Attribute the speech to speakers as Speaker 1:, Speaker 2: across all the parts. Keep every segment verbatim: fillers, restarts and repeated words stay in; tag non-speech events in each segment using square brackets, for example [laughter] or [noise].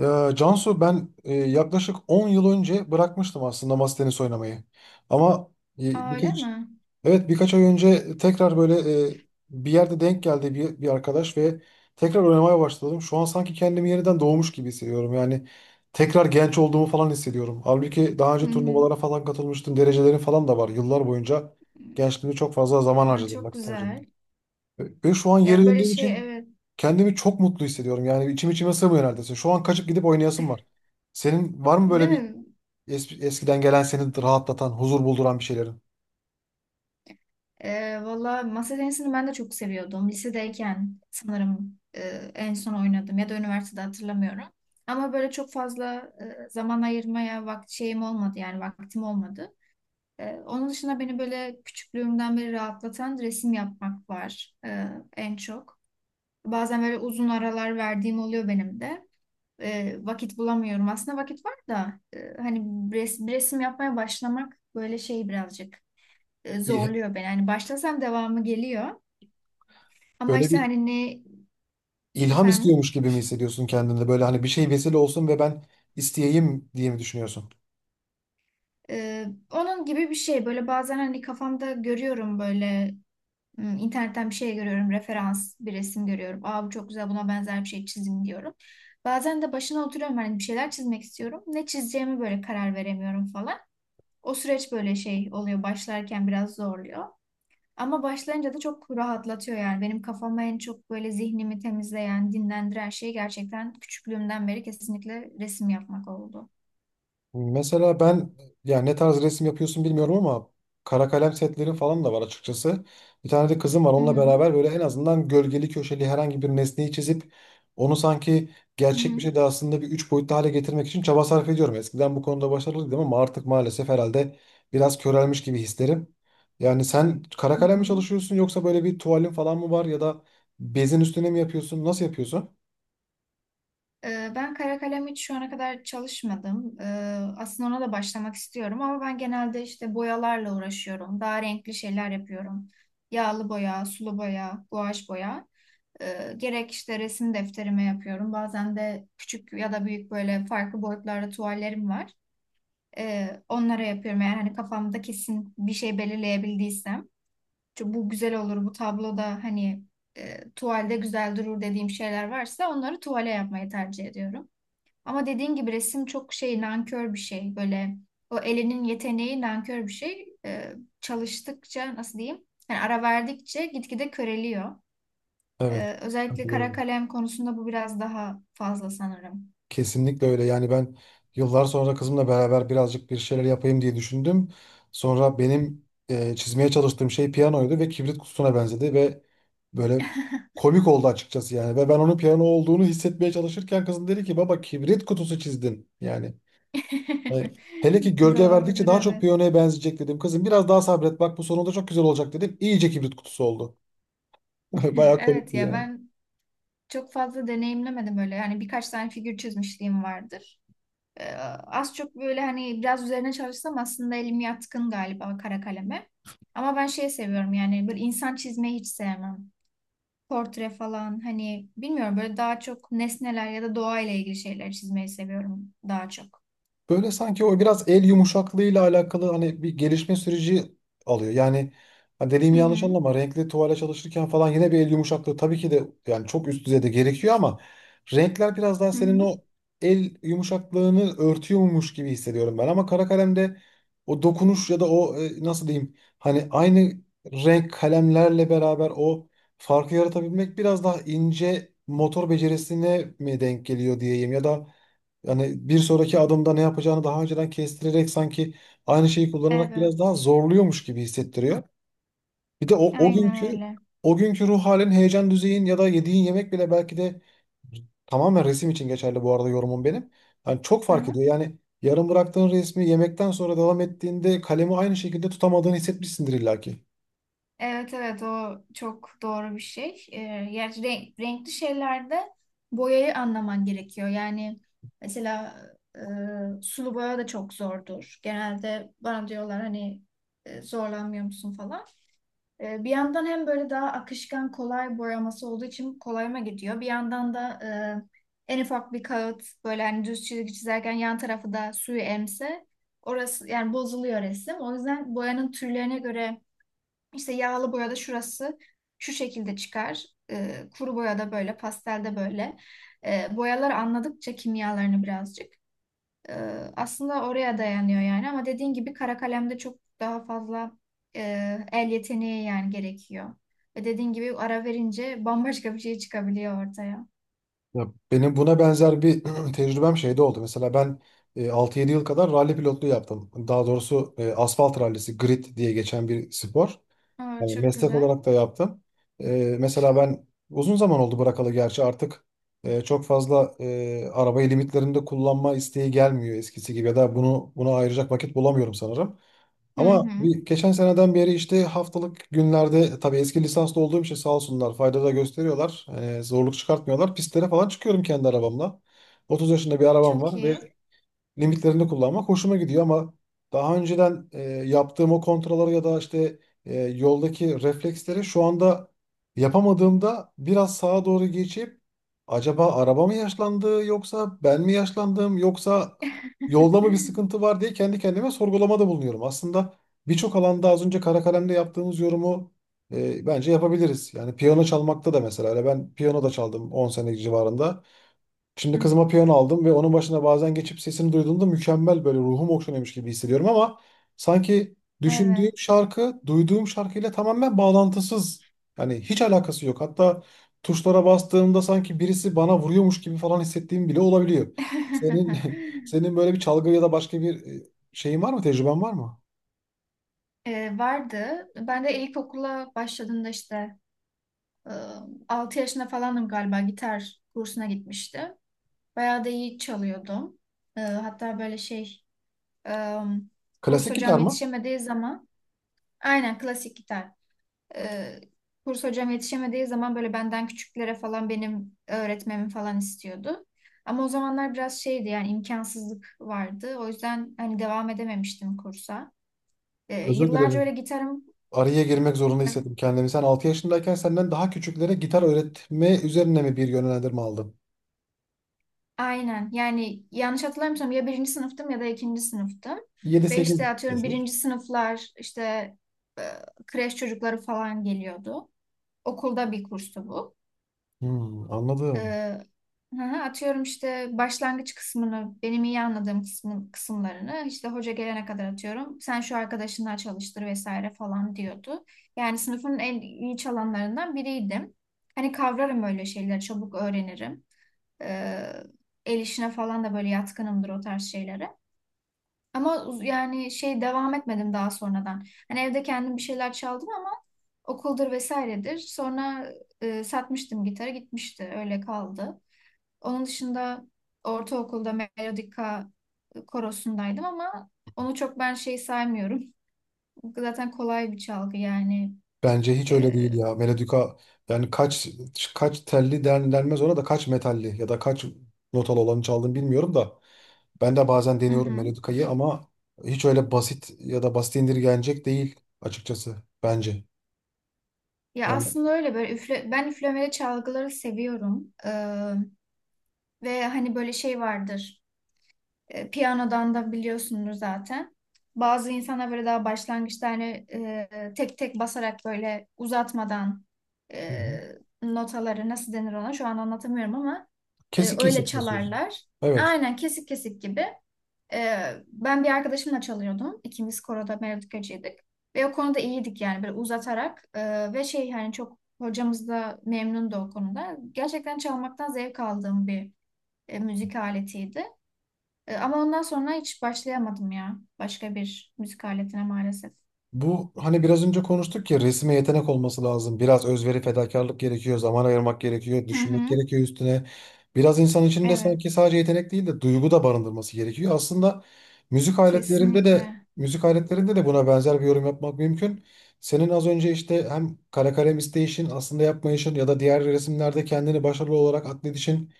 Speaker 1: Ee, Cansu, ben e, yaklaşık on yıl önce bırakmıştım aslında masa tenisi oynamayı. Ama e,
Speaker 2: Aa, öyle
Speaker 1: birkaç,
Speaker 2: mi?
Speaker 1: evet, birkaç ay önce tekrar böyle, e, bir yerde denk geldi bir, bir arkadaş ve tekrar oynamaya başladım. Şu an sanki kendimi yeniden doğmuş gibi hissediyorum. Yani tekrar genç olduğumu falan hissediyorum. Halbuki daha
Speaker 2: Hı
Speaker 1: önce
Speaker 2: hı.
Speaker 1: turnuvalara falan katılmıştım. Derecelerim falan da var. Yıllar boyunca gençliğimde çok fazla zaman
Speaker 2: Aa,
Speaker 1: harcadım,
Speaker 2: çok
Speaker 1: vakit
Speaker 2: güzel.
Speaker 1: harcadım. Ve şu an geri
Speaker 2: Ya böyle
Speaker 1: döndüğüm
Speaker 2: şey,
Speaker 1: için
Speaker 2: evet,
Speaker 1: kendimi çok mutlu hissediyorum. Yani içim içime sığmıyor neredeyse. Şu an kaçıp gidip oynayasım var. Senin var mı
Speaker 2: değil
Speaker 1: böyle bir
Speaker 2: mi?
Speaker 1: es- eskiden gelen seni rahatlatan, huzur bulduran bir şeylerin?
Speaker 2: Ee, valla masa tenisini ben de çok seviyordum. Lisedeyken sanırım e, en son oynadım ya da üniversitede hatırlamıyorum. Ama böyle çok fazla e, zaman ayırmaya vakt şeyim olmadı, yani vaktim olmadı. E, onun dışında beni böyle küçüklüğümden beri rahatlatan resim yapmak var, e, en çok. Bazen böyle uzun aralar verdiğim oluyor benim de. E, vakit bulamıyorum. Aslında vakit var da, e, hani res- bir resim yapmaya başlamak böyle şey birazcık e,
Speaker 1: İl-
Speaker 2: zorluyor beni. Hani başlasam devamı geliyor. Ama
Speaker 1: Böyle
Speaker 2: işte
Speaker 1: bir
Speaker 2: hani ne
Speaker 1: ilham
Speaker 2: efendim,
Speaker 1: istiyormuş gibi mi hissediyorsun kendinde? Böyle hani bir şey vesile olsun ve ben isteyeyim diye mi düşünüyorsun?
Speaker 2: e, onun gibi bir şey. Böyle bazen hani kafamda görüyorum, böyle m, internetten bir şey görüyorum, referans bir resim görüyorum. Aa, bu çok güzel, buna benzer bir şey çizeyim diyorum. Bazen de başına oturuyorum, hani bir şeyler çizmek istiyorum. Ne çizeceğimi böyle karar veremiyorum falan. O süreç böyle şey oluyor, başlarken biraz zorluyor. Ama başlayınca da çok rahatlatıyor yani. Benim kafama en çok böyle zihnimi temizleyen, dinlendiren şey gerçekten küçüklüğümden beri kesinlikle resim yapmak oldu.
Speaker 1: Mesela ben, yani ne tarz resim yapıyorsun bilmiyorum ama kara kalem setleri falan da var açıkçası. Bir tane de kızım var,
Speaker 2: Hı
Speaker 1: onunla
Speaker 2: hı.
Speaker 1: beraber böyle en azından gölgeli köşeli herhangi bir nesneyi çizip onu sanki
Speaker 2: Hı
Speaker 1: gerçek bir
Speaker 2: hı.
Speaker 1: şey de aslında bir üç boyutlu hale getirmek için çaba sarf ediyorum. Eskiden bu konuda başarılıydım ama artık maalesef herhalde biraz körelmiş gibi hislerim. Yani sen kara
Speaker 2: Hı
Speaker 1: kalem mi
Speaker 2: hı.
Speaker 1: çalışıyorsun, yoksa böyle bir tuvalin falan mı var ya da bezin üstüne mi yapıyorsun? Nasıl yapıyorsun?
Speaker 2: Ee, Ben kara kalem hiç şu ana kadar çalışmadım. Ee, Aslında ona da başlamak istiyorum, ama ben genelde işte boyalarla uğraşıyorum. Daha renkli şeyler yapıyorum. Yağlı boya, sulu boya, guaj boya. Ee, Gerek işte resim defterime yapıyorum. Bazen de küçük ya da büyük, böyle farklı boyutlarda tuvallerim var. Ee, onlara yapıyorum eğer hani kafamda kesin bir şey belirleyebildiysem. Çünkü bu güzel olur, bu tabloda hani e, tuvalde güzel durur dediğim şeyler varsa onları tuvale yapmayı tercih ediyorum. Ama dediğin gibi resim çok şey, nankör bir şey. Böyle o elinin yeteneği nankör bir şey. Ee, çalıştıkça, nasıl diyeyim, yani ara verdikçe gitgide köreliyor. Ee,
Speaker 1: Evet.
Speaker 2: özellikle kara kalem konusunda bu biraz daha fazla sanırım.
Speaker 1: Kesinlikle öyle. Yani ben yıllar sonra kızımla beraber birazcık bir şeyler yapayım diye düşündüm. Sonra benim e, çizmeye çalıştığım şey piyanoydu ve kibrit kutusuna benzedi ve böyle
Speaker 2: [laughs]
Speaker 1: komik oldu açıkçası yani. Ve ben onun piyano olduğunu hissetmeye çalışırken kızım dedi ki baba kibrit kutusu çizdin. Yani, e, hele ki gölge verdikçe
Speaker 2: Doğrudur,
Speaker 1: daha çok
Speaker 2: evet.
Speaker 1: piyanoya benzeyecek dedim. Kızım biraz daha sabret, bak bu sonunda çok güzel olacak dedim. İyice kibrit kutusu oldu. [laughs]
Speaker 2: [laughs]
Speaker 1: Bayağı
Speaker 2: Evet
Speaker 1: komikti
Speaker 2: ya,
Speaker 1: yani.
Speaker 2: ben çok fazla deneyimlemedim öyle. Yani birkaç tane figür çizmişliğim vardır. Ee, Az çok böyle hani biraz üzerine çalışsam aslında elim yatkın galiba kara kaleme. Ama ben şey seviyorum, yani böyle insan çizmeyi hiç sevmem. Portre falan, hani bilmiyorum, böyle daha çok nesneler ya da doğayla ilgili şeyler çizmeyi seviyorum daha çok.
Speaker 1: Böyle sanki o biraz el yumuşaklığıyla alakalı hani bir gelişme süreci alıyor. Yani hani dediğimi
Speaker 2: Hı
Speaker 1: yanlış
Speaker 2: hı.
Speaker 1: anlama, renkli tuvale çalışırken falan yine bir el yumuşaklığı tabii ki de yani çok üst düzeyde gerekiyor ama renkler biraz daha
Speaker 2: Hı
Speaker 1: senin
Speaker 2: hı.
Speaker 1: o el yumuşaklığını örtüyormuş gibi hissediyorum ben. Ama kara kalemde o dokunuş ya da o, e, nasıl diyeyim hani, aynı renk kalemlerle beraber o farkı yaratabilmek biraz daha ince motor becerisine mi denk geliyor diyeyim, ya da yani bir sonraki adımda ne yapacağını daha önceden kestirerek sanki aynı şeyi kullanarak biraz daha
Speaker 2: Evet.
Speaker 1: zorluyormuş gibi hissettiriyor. Bir de o, o
Speaker 2: Aynen
Speaker 1: günkü
Speaker 2: öyle.
Speaker 1: o günkü ruh halin, heyecan düzeyin ya da yediğin yemek bile belki de tamamen resim için geçerli bu arada yorumum benim. Yani çok fark ediyor. Yani yarım bıraktığın resmi yemekten sonra devam ettiğinde kalemi aynı şekilde tutamadığını hissetmişsindir illaki.
Speaker 2: Evet evet, o çok doğru bir şey. Ee, yani renk- renkli şeylerde boyayı anlaman gerekiyor. Yani mesela e, sulu boya da çok zordur. Genelde bana diyorlar hani e, zorlanmıyor musun falan. E, bir yandan hem böyle daha akışkan, kolay boyaması olduğu için kolayıma gidiyor. Bir yandan da e, en ufak bir kağıt böyle hani düz çizgi çizerken yan tarafı da suyu emse orası yani bozuluyor resim. O yüzden boyanın türlerine göre, işte yağlı boyada şurası şu şekilde çıkar. E, kuru boyada böyle, pastelde böyle. E, boyalar anladıkça kimyalarını birazcık, e, aslında oraya dayanıyor yani. Ama dediğin gibi kara kalemde çok daha fazla e, el yeteneği yani gerekiyor. Ve dediğin gibi ara verince bambaşka bir şey çıkabiliyor ortaya.
Speaker 1: Ya benim buna benzer bir [clears throat] tecrübem şeyde oldu. Mesela ben e, altı yedi yıl kadar ralli pilotluğu yaptım. Daha doğrusu e, asfalt rallisi, grid diye geçen bir spor.
Speaker 2: Aa,
Speaker 1: Yani
Speaker 2: çok
Speaker 1: meslek
Speaker 2: güzel.
Speaker 1: olarak da yaptım. Ee, mesela ben uzun zaman oldu bırakalı gerçi artık e, çok fazla e, arabayı limitlerinde kullanma isteği gelmiyor eskisi gibi ya da bunu buna ayıracak vakit bulamıyorum sanırım.
Speaker 2: Hı
Speaker 1: Ama
Speaker 2: hı.
Speaker 1: bir, geçen seneden beri işte haftalık günlerde, e, tabii eski lisanslı olduğum için sağ olsunlar fayda da gösteriyorlar. Ee, zorluk çıkartmıyorlar. Pistlere falan çıkıyorum kendi arabamla. otuz yaşında bir arabam
Speaker 2: Çok
Speaker 1: var ve
Speaker 2: iyi.
Speaker 1: limitlerini kullanmak hoşuma gidiyor ama daha önceden e, yaptığım o kontrolları ya da işte e, yoldaki refleksleri şu anda yapamadığımda biraz sağa doğru geçip acaba araba mı yaşlandı yoksa ben mi yaşlandım yoksa yolda mı bir
Speaker 2: [laughs]
Speaker 1: sıkıntı var diye kendi kendime sorgulamada bulunuyorum. Aslında birçok alanda az önce kara kalemle yaptığımız yorumu, e, bence yapabiliriz. Yani piyano çalmakta da mesela öyle, ben piyano da çaldım on sene civarında. Şimdi kızıma piyano aldım ve onun başına bazen geçip sesini duyduğumda mükemmel, böyle ruhum okşanıyormuş gibi hissediyorum ama sanki düşündüğüm
Speaker 2: Evet.
Speaker 1: şarkı duyduğum şarkıyla tamamen bağlantısız. Yani hiç alakası yok. Hatta tuşlara bastığımda sanki birisi bana vuruyormuş gibi falan hissettiğim bile olabiliyor. Senin [laughs]
Speaker 2: [laughs]
Speaker 1: senin böyle bir çalgı ya da başka bir, e, şeyin var mı? Tecrüben var mı?
Speaker 2: Ee, vardı. Ben de ilkokula başladığımda işte, e, altı yaşında falandım galiba, gitar kursuna gitmişti. Bayağı da iyi çalıyordum. Ee, hatta böyle şey, e, kurs
Speaker 1: Klasik
Speaker 2: hocam
Speaker 1: gitar mı?
Speaker 2: yetişemediği zaman aynen klasik gitar. Ee, kurs hocam yetişemediği zaman böyle benden küçüklere falan benim öğretmemi falan istiyordu. Ama o zamanlar biraz şeydi yani, imkansızlık vardı. O yüzden hani devam edememiştim kursa. Ee,
Speaker 1: Özür
Speaker 2: yıllarca öyle
Speaker 1: dilerim.
Speaker 2: gitarım.
Speaker 1: Araya girmek zorunda hissettim kendimi. Sen altı yaşındayken senden daha küçüklere gitar öğretme üzerine mi bir yönlendirme aldın?
Speaker 2: Aynen. Yani yanlış hatırlamıyorsam ya birinci sınıftım ya da ikinci sınıftım.
Speaker 1: Yedi
Speaker 2: Ve
Speaker 1: sekiz
Speaker 2: işte atıyorum,
Speaker 1: desek.
Speaker 2: birinci sınıflar, işte e, kreş çocukları falan geliyordu. Okulda bir kurstu bu.
Speaker 1: Hmm,
Speaker 2: E,
Speaker 1: anladım.
Speaker 2: hı hı, atıyorum işte başlangıç kısmını, benim iyi anladığım kısmın, kısımlarını işte hoca gelene kadar atıyorum. Sen şu arkadaşınla çalıştır vesaire falan diyordu. Yani sınıfın en iyi çalanlarından biriydim. Hani kavrarım öyle şeyleri, çabuk öğrenirim. Ee, El işine falan da böyle yatkınımdır, o tarz şeylere. Ama uz- yani şey, devam etmedim daha sonradan. Hani evde kendim bir şeyler çaldım ama okuldur vesairedir. Sonra e, satmıştım gitarı, gitmişti, öyle kaldı. Onun dışında ortaokulda melodika korosundaydım ama onu çok ben şey saymıyorum. [laughs] Zaten kolay bir çalgı yani.
Speaker 1: Bence hiç öyle değil
Speaker 2: Ee,
Speaker 1: ya. Melodika, yani kaç kaç telli, den, denmez ona da, kaç metalli ya da kaç notalı olanı çaldığını bilmiyorum da. Ben de bazen
Speaker 2: hı
Speaker 1: deniyorum
Speaker 2: hı.
Speaker 1: melodikayı ama hiç öyle basit ya da basit indirgenecek değil açıkçası bence.
Speaker 2: Ya
Speaker 1: Yani,
Speaker 2: aslında öyle, böyle üfle, ben üflemeli çalgıları seviyorum. Ve hani böyle şey vardır, e, piyanodan da biliyorsundur zaten. Bazı insanlar böyle daha başlangıçta hani e, tek tek basarak, böyle uzatmadan,
Speaker 1: hı
Speaker 2: e,
Speaker 1: hı.
Speaker 2: notaları nasıl denir ona şu an anlatamıyorum ama e,
Speaker 1: Kesik
Speaker 2: öyle
Speaker 1: kesik basıyorsun.
Speaker 2: çalarlar.
Speaker 1: Evet.
Speaker 2: Aynen, kesik kesik gibi. E, ben bir arkadaşımla çalıyordum. İkimiz koroda melodikacıydık. Ve o konuda iyiydik, yani böyle uzatarak e, ve şey, hani çok hocamız da memnundu o konuda. Gerçekten çalmaktan zevk aldığım bir e, müzik aletiydi. E, ama ondan sonra hiç başlayamadım ya, başka bir müzik aletine maalesef.
Speaker 1: Bu hani biraz önce konuştuk ya, resme yetenek olması lazım. Biraz özveri, fedakarlık gerekiyor, zaman ayırmak gerekiyor,
Speaker 2: Hı
Speaker 1: düşünmek
Speaker 2: hı.
Speaker 1: gerekiyor üstüne. Biraz insan içinde
Speaker 2: Evet,
Speaker 1: sanki sadece yetenek değil de duygu da barındırması gerekiyor. Aslında müzik aletlerinde de
Speaker 2: kesinlikle.
Speaker 1: müzik aletlerinde de buna benzer bir yorum yapmak mümkün. Senin az önce işte hem kara kalem isteyişin, aslında yapmayışın ya da diğer resimlerde kendini başarılı olarak atfedişin,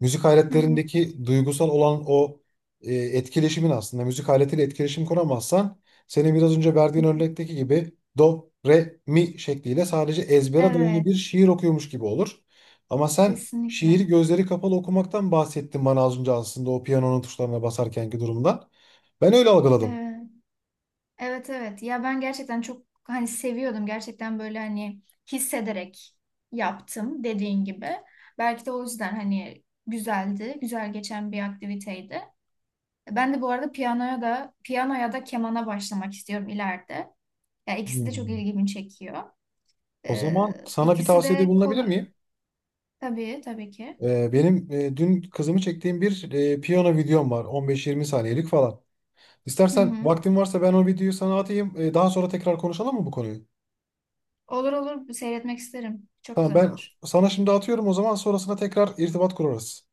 Speaker 1: müzik
Speaker 2: Hı hı.
Speaker 1: aletlerindeki duygusal olan o, e, etkileşimin; aslında müzik aletiyle etkileşim kuramazsan senin biraz önce verdiğin örnekteki gibi do, re, mi şekliyle sadece ezbere dayalı
Speaker 2: Evet,
Speaker 1: bir şiir okuyormuş gibi olur. Ama sen şiiri
Speaker 2: kesinlikle.
Speaker 1: gözleri kapalı okumaktan bahsettin bana az önce, aslında o piyanonun tuşlarına basarkenki durumdan. Ben öyle algıladım.
Speaker 2: Evet. Evet, evet. Ya ben gerçekten çok hani seviyordum. Gerçekten böyle hani hissederek yaptım, dediğin gibi. Belki de o yüzden hani güzeldi, güzel geçen bir aktiviteydi. Ben de bu arada piyanoya da piyanoya da kemana başlamak istiyorum ileride. Ya ikisi de çok
Speaker 1: Hmm.
Speaker 2: ilgimi çekiyor.
Speaker 1: O
Speaker 2: Ee,
Speaker 1: zaman sana bir
Speaker 2: ikisi
Speaker 1: tavsiyede
Speaker 2: de
Speaker 1: bulunabilir
Speaker 2: kolay.
Speaker 1: miyim?
Speaker 2: Tabii, tabii ki.
Speaker 1: Ee, benim e, dün kızımı çektiğim bir, e, piyano videom var. on beş yirmi saniyelik falan.
Speaker 2: Hı
Speaker 1: İstersen
Speaker 2: hı.
Speaker 1: vaktin varsa ben o videoyu sana atayım. Ee, daha sonra tekrar konuşalım mı bu konuyu?
Speaker 2: Olur olur, seyretmek isterim. Çok
Speaker 1: Tamam,
Speaker 2: güzel
Speaker 1: ben
Speaker 2: olur.
Speaker 1: sana şimdi atıyorum o zaman, sonrasında tekrar irtibat kurarız.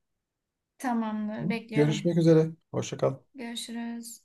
Speaker 1: Hı?
Speaker 2: Tamamdır, bekliyorum.
Speaker 1: Görüşmek üzere. Hoşça kal.
Speaker 2: Görüşürüz.